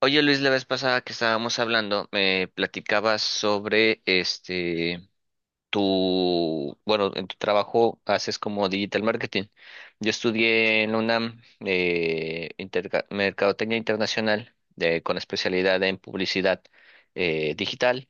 Oye Luis, la vez pasada que estábamos hablando, me platicabas sobre en tu trabajo haces como digital marketing. Yo estudié en la UNAM Mercadotecnia Internacional con especialidad en publicidad digital,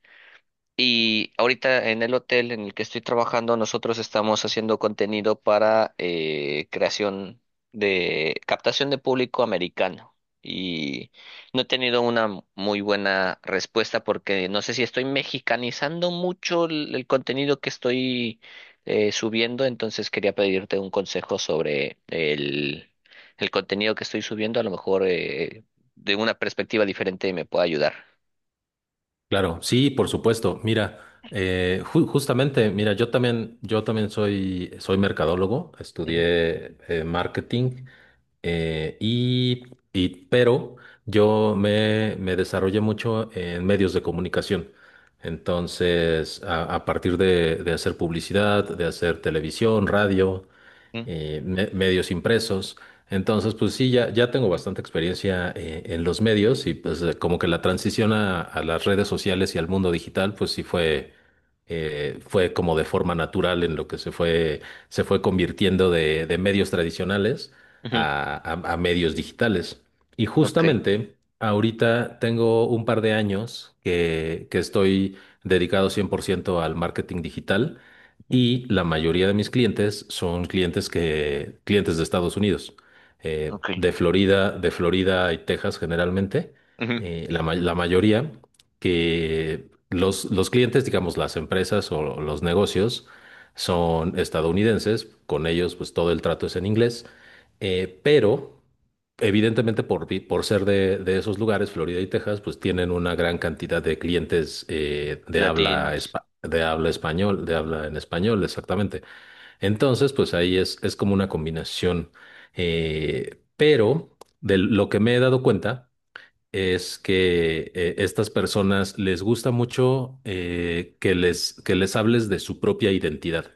y ahorita en el hotel en el que estoy trabajando, nosotros estamos haciendo contenido para creación de captación de público americano. Y no he tenido una muy buena respuesta porque no sé si estoy mexicanizando mucho el contenido que estoy subiendo. Entonces quería pedirte un consejo sobre el contenido que estoy subiendo. A lo mejor de una perspectiva diferente me puede ayudar. Claro, sí, por supuesto. Mira, justamente, mira, yo también soy, soy mercadólogo, Ujú, estudié marketing eh, y, pero me desarrollé mucho en medios de comunicación. Entonces, a partir de hacer publicidad, de hacer televisión, radio ujú, medios impresos. Entonces, pues sí, ya tengo bastante experiencia en los medios y pues como que la transición a las redes sociales y al mundo digital, pues sí fue como de forma natural en lo que se fue convirtiendo de medios tradicionales ujú, a medios digitales. Y ok. justamente ahorita tengo un par de años que estoy dedicado 100% al marketing digital. Y la mayoría de mis clientes son clientes de Estados Unidos, Ok. De Florida y Texas generalmente, Ujú. La mayoría que los clientes, digamos, las empresas o los negocios son estadounidenses. Con ellos pues todo el trato es en inglés, pero evidentemente, por ser de esos lugares, Florida y Texas, pues tienen una gran cantidad de clientes Latinos. De habla español, de habla en español, exactamente. Entonces, pues ahí es como una combinación. Eh, pero de lo que me he dado cuenta es que estas personas les gusta mucho que les hables de su propia identidad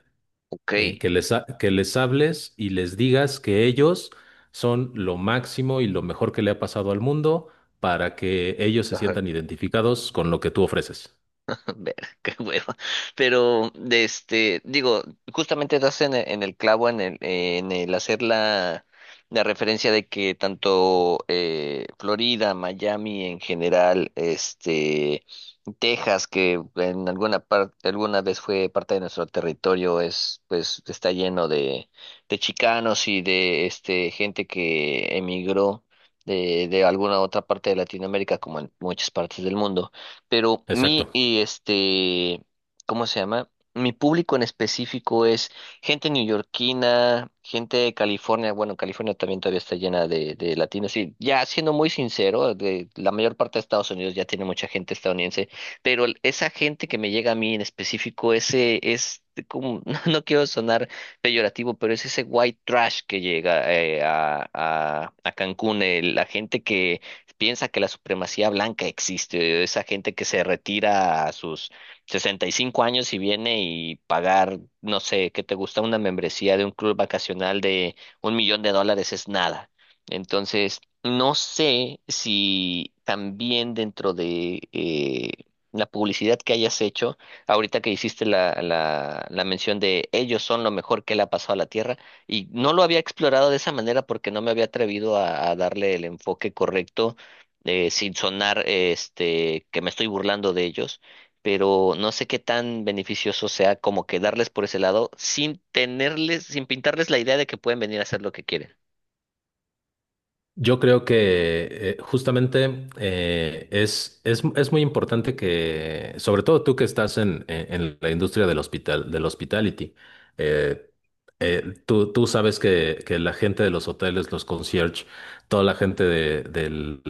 Ok. Que les hables y les digas que ellos son lo máximo y lo mejor que le ha pasado al mundo para que ellos se Ajá. sientan identificados con lo que tú ofreces. Ver, qué hueva. Pero, de este, digo, justamente das en el clavo en el hacer la referencia de que tanto Florida, Miami en general, este, Texas, que en alguna parte, alguna vez fue parte de nuestro territorio, es, pues, está lleno de chicanos y de este gente que emigró de alguna otra parte de Latinoamérica, como en muchas partes del mundo, pero Exacto. mi, y este, ¿cómo se llama? Mi público en específico es gente neoyorquina, gente de California. Bueno, California también todavía está llena de latinos, y ya siendo muy sincero, de, la mayor parte de Estados Unidos ya tiene mucha gente estadounidense, pero esa gente que me llega a mí en específico, ese es como, no, no quiero sonar peyorativo, pero es ese white trash que llega a Cancún, la gente que piensa que la supremacía blanca existe, esa gente que se retira a sus 65 años y viene y pagar, no sé, ¿qué te gusta? Una membresía de un club vacacional de $1,000,000 es nada. Entonces, no sé si también dentro de la publicidad que hayas hecho, ahorita que hiciste la mención de ellos son lo mejor que le ha pasado a la Tierra, y no lo había explorado de esa manera porque no me había atrevido a darle el enfoque correcto, sin sonar este que me estoy burlando de ellos, pero no sé qué tan beneficioso sea como quedarles por ese lado sin tenerles, sin pintarles la idea de que pueden venir a hacer lo que quieren. Yo creo que justamente es muy importante que, sobre todo tú que estás en, en la industria del del hospitality, eh, tú sabes que la gente de los hoteles, los concierge, toda la gente de, del,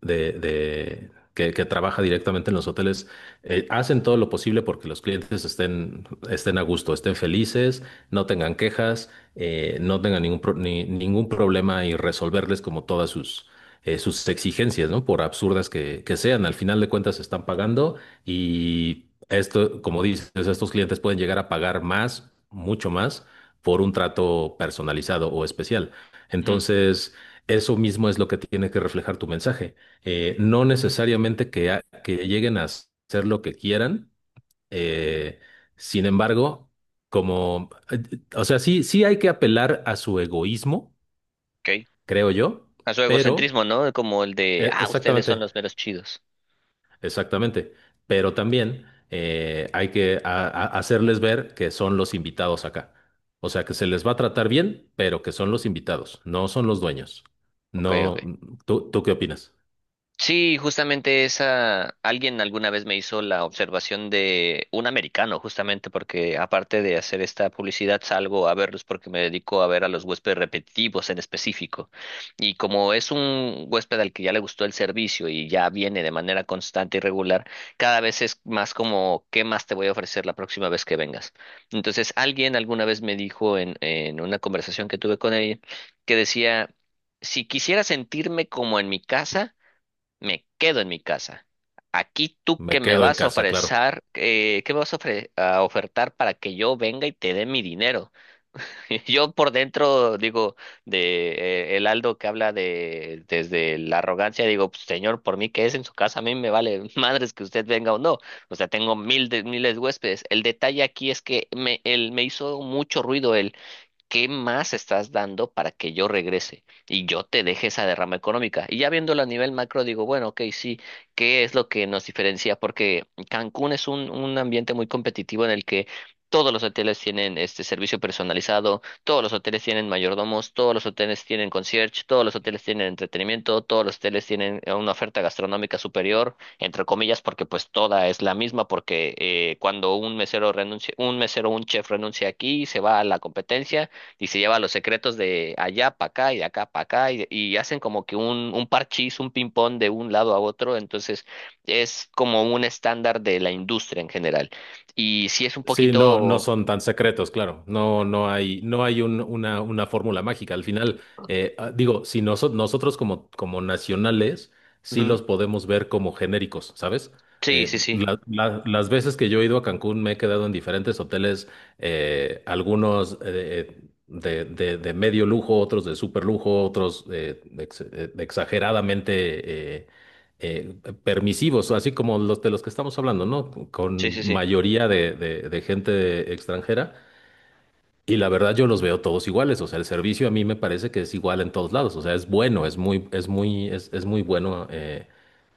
de- que trabaja directamente en los hoteles, hacen todo lo posible porque los estén a gusto, estén felices, no tengan quejas no tengan ningún, pro- ni- ningún problema, y resolverles como todas sus, sus exigencias, ¿no? Por absurdas que sean, al final de cuentas están pagando y esto, como dices, estos clientes pueden llegar a pagar mucho más, por un trato personalizado o especial. Ujú, Entonces, eso mismo es lo que tiene que reflejar tu mensaje. No necesariamente que lleguen a hacer lo que quieran eh, sin embargo, como, o sea, sí hay que apelar a su egoísmo, ok. creo yo, A su pero, egocentrismo, ¿no? Como el de, ah, ustedes son exactamente, los meros chidos. exactamente, pero también hay que hacerles ver que son los invitados acá. O sea, que se les va a tratar bien, pero que son los invitados, no son los dueños. Ok, ok. No, ¿tú, tú qué opinas? Sí, justamente esa, alguien alguna vez me hizo la observación de un americano, justamente porque aparte de hacer esta publicidad salgo a verlos porque me dedico a ver a los huéspedes repetitivos en específico. Y como es un huésped al que ya le gustó el servicio y ya viene de manera constante y regular, cada vez es más como, ¿qué más te voy a ofrecer la próxima vez que vengas? Entonces, alguien alguna vez me dijo en una conversación que tuve con ella que decía, si quisiera sentirme como en mi casa, me quedo en mi casa. Aquí tú que Me me quedo en vas a casa, claro. ofrecer, ¿qué me vas a, a ofertar para que yo venga y te dé mi dinero? Yo por dentro digo, de el Aldo que habla de desde la arrogancia, digo, "Pues, señor, por mí que es en su casa, a mí me vale madres que usted venga o no. O sea, tengo miles de huéspedes. El detalle aquí es que me, él me hizo mucho ruido. ¿Qué más estás dando para que yo regrese y yo te deje esa derrama económica? Y ya viéndolo a nivel macro, digo, bueno, ok, sí, ¿qué es lo que nos diferencia? Porque Cancún es un ambiente muy competitivo en el que todos los hoteles tienen este servicio personalizado, todos los hoteles tienen mayordomos, todos los hoteles tienen concierge, todos los hoteles tienen entretenimiento, todos los hoteles tienen una oferta gastronómica superior, entre comillas, porque pues toda es la misma, porque cuando un mesero renuncia, un mesero, un chef renuncia aquí, se va a la competencia y se lleva los secretos de allá para acá y de acá para acá, y hacen como que un parchís, un ping-pong de un lado a otro, entonces es como un estándar de la industria en general. Y sí es un Sí, no, no poquito... son tan secretos, claro. No, no hay una fórmula mágica. Al final, ah, digo, si nosotros como, como nacionales, sí Ujú. los podemos ver como genéricos, ¿sabes? Sí, sí, sí, Las veces que yo he ido a Cancún me he quedado en diferentes hoteles, algunos de medio lujo, otros de super lujo, otros exageradamente eh, permisivos, así como los de los que estamos hablando, ¿no? sí, sí, Con sí, mayoría de gente extranjera. Y la verdad yo los veo todos iguales, o sea, el servicio a mí me parece que es igual en todos lados, o sea, es bueno, es muy bueno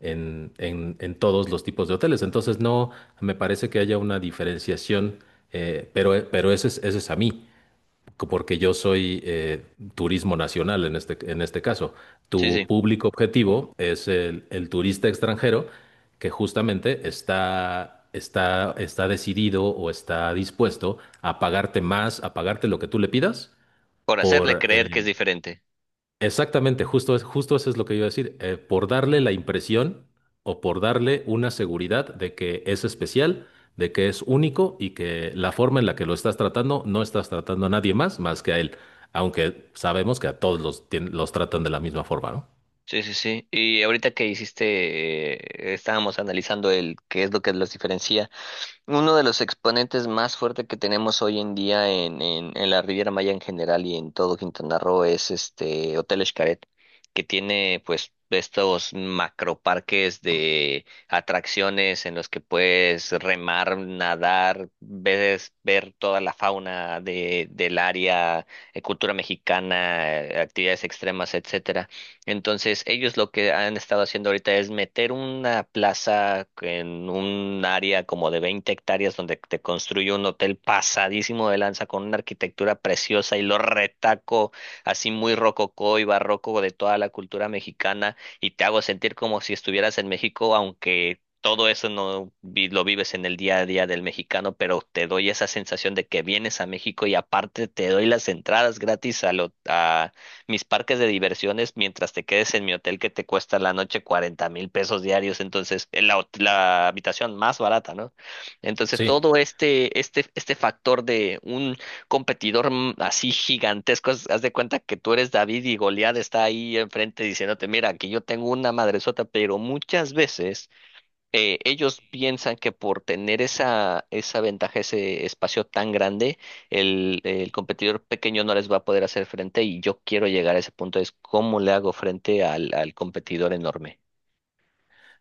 en, en todos los tipos de hoteles. Entonces no me parece que haya una diferenciación, pero, ese es a mí porque yo soy turismo nacional en este caso. sí, Tu sí, público objetivo es el turista extranjero que justamente está decidido o está dispuesto a pagarte más, a pagarte lo que tú le pidas por hacerle por, creer que es eh, diferente. exactamente, justo eso es lo que iba a decir. Eh, por darle la impresión o por darle una seguridad de que es especial, de que es único y que la forma en la que lo estás tratando, no estás tratando a nadie más más que a él, aunque sabemos que a todos los tratan de la misma forma, ¿no? Sí, sí, sí. Y ahorita que hiciste, estábamos analizando el qué es lo que los diferencia. Uno de los exponentes más fuertes que tenemos hoy en día en la Riviera Maya en general y en todo Quintana Roo es este Hotel Xcaret, que tiene pues estos macroparques de atracciones en los que puedes remar, nadar, ver toda la fauna de, del área, cultura mexicana, actividades extremas, etc. Entonces, ellos lo que han estado haciendo ahorita es meter una plaza en un área como de 20 hectáreas donde te construye un hotel pasadísimo de lanza con una arquitectura preciosa y lo retaco así muy rococó y barroco de toda la cultura mexicana y te hago sentir como si estuvieras en México, aunque todo eso no vi- lo vives en el día a día del mexicano, pero te doy esa sensación de que vienes a México y aparte te doy las entradas gratis a mis parques de diversiones mientras te quedes en mi hotel que te cuesta la noche 40,000 pesos diarios, entonces en la, la habitación más barata, ¿no? Entonces todo Sí. este factor de un competidor así gigantesco, haz, haz de cuenta que tú eres David y Goliat está ahí enfrente diciéndote, mira, aquí yo tengo una madresota, pero muchas veces ellos piensan que por tener esa ventaja, ese espacio tan grande, el competidor pequeño no les va a poder hacer frente y yo quiero llegar a ese punto, es cómo le hago frente al competidor enorme.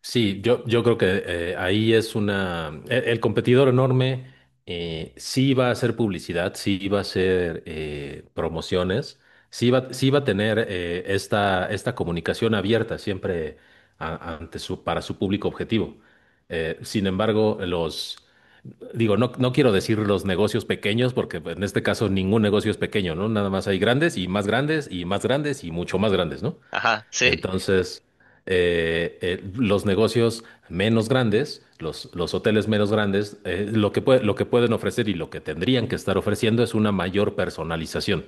Sí, yo creo que ahí es una... el competidor enorme sí va a hacer publicidad, sí va a hacer promociones, sí va a tener esta comunicación abierta siempre ante su, para su público objetivo. Sin embargo, los... Digo, no, no quiero decir los negocios pequeños, porque en este caso ningún negocio es pequeño, ¿no? Nada más hay grandes y más grandes y más grandes y mucho más grandes, ¿no? Ajá, sí. Entonces, los negocios menos grandes, los hoteles menos grandes, lo lo que pueden ofrecer y lo que tendrían que estar ofreciendo es una mayor personalización.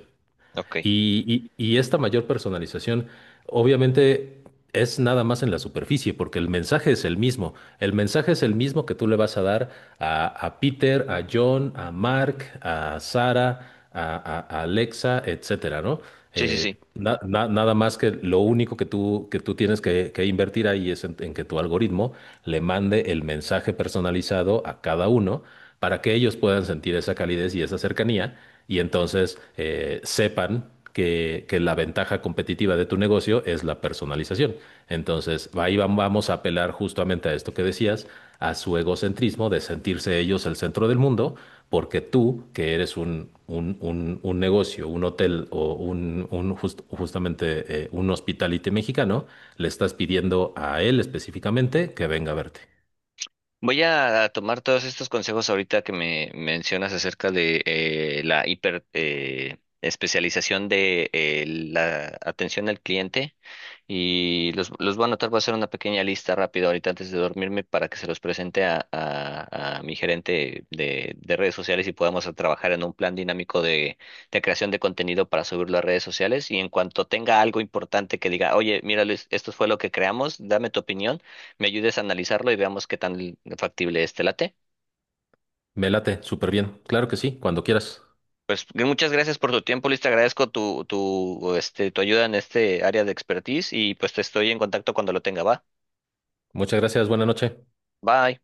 Ok. Y, y esta mayor personalización, obviamente, es nada más en la superficie, porque el mensaje es el mismo. El mensaje es el mismo que tú le vas a dar a Peter, a John, a Mark, a Sara, a Alexa, etcétera, ¿no? Sí, sí, sí. Nada más que lo único que tú tienes que invertir ahí es en que tu algoritmo le mande el mensaje personalizado a cada uno para que ellos puedan sentir esa calidez y esa cercanía y entonces sepan que la ventaja competitiva de tu negocio es la personalización. Entonces, ahí vamos a apelar justamente a esto que decías, a su egocentrismo de sentirse ellos el centro del mundo porque tú, que eres un, un negocio, un hotel o un, justamente un hospitality mexicano, le estás pidiendo a él específicamente que venga a verte. Voy a tomar todos estos consejos ahorita que me mencionas acerca de la hiper especialización de la atención al cliente, y los voy a anotar, voy a hacer una pequeña lista rápida ahorita antes de dormirme para que se los presente a mi gerente de redes sociales y podamos a trabajar en un plan dinámico de creación de contenido para subirlo a redes sociales y en cuanto tenga algo importante que diga, oye, mira Luis, esto fue lo que creamos, dame tu opinión, me ayudes a analizarlo y veamos qué tan factible es. ¿Te late? Me late, súper bien. Claro que sí, cuando quieras. Pues muchas gracias por tu tiempo, Luis. Te agradezco tu, tu ayuda en este área de expertise y pues te estoy en contacto cuando lo tenga. Va. Muchas gracias, buena noche. Bye.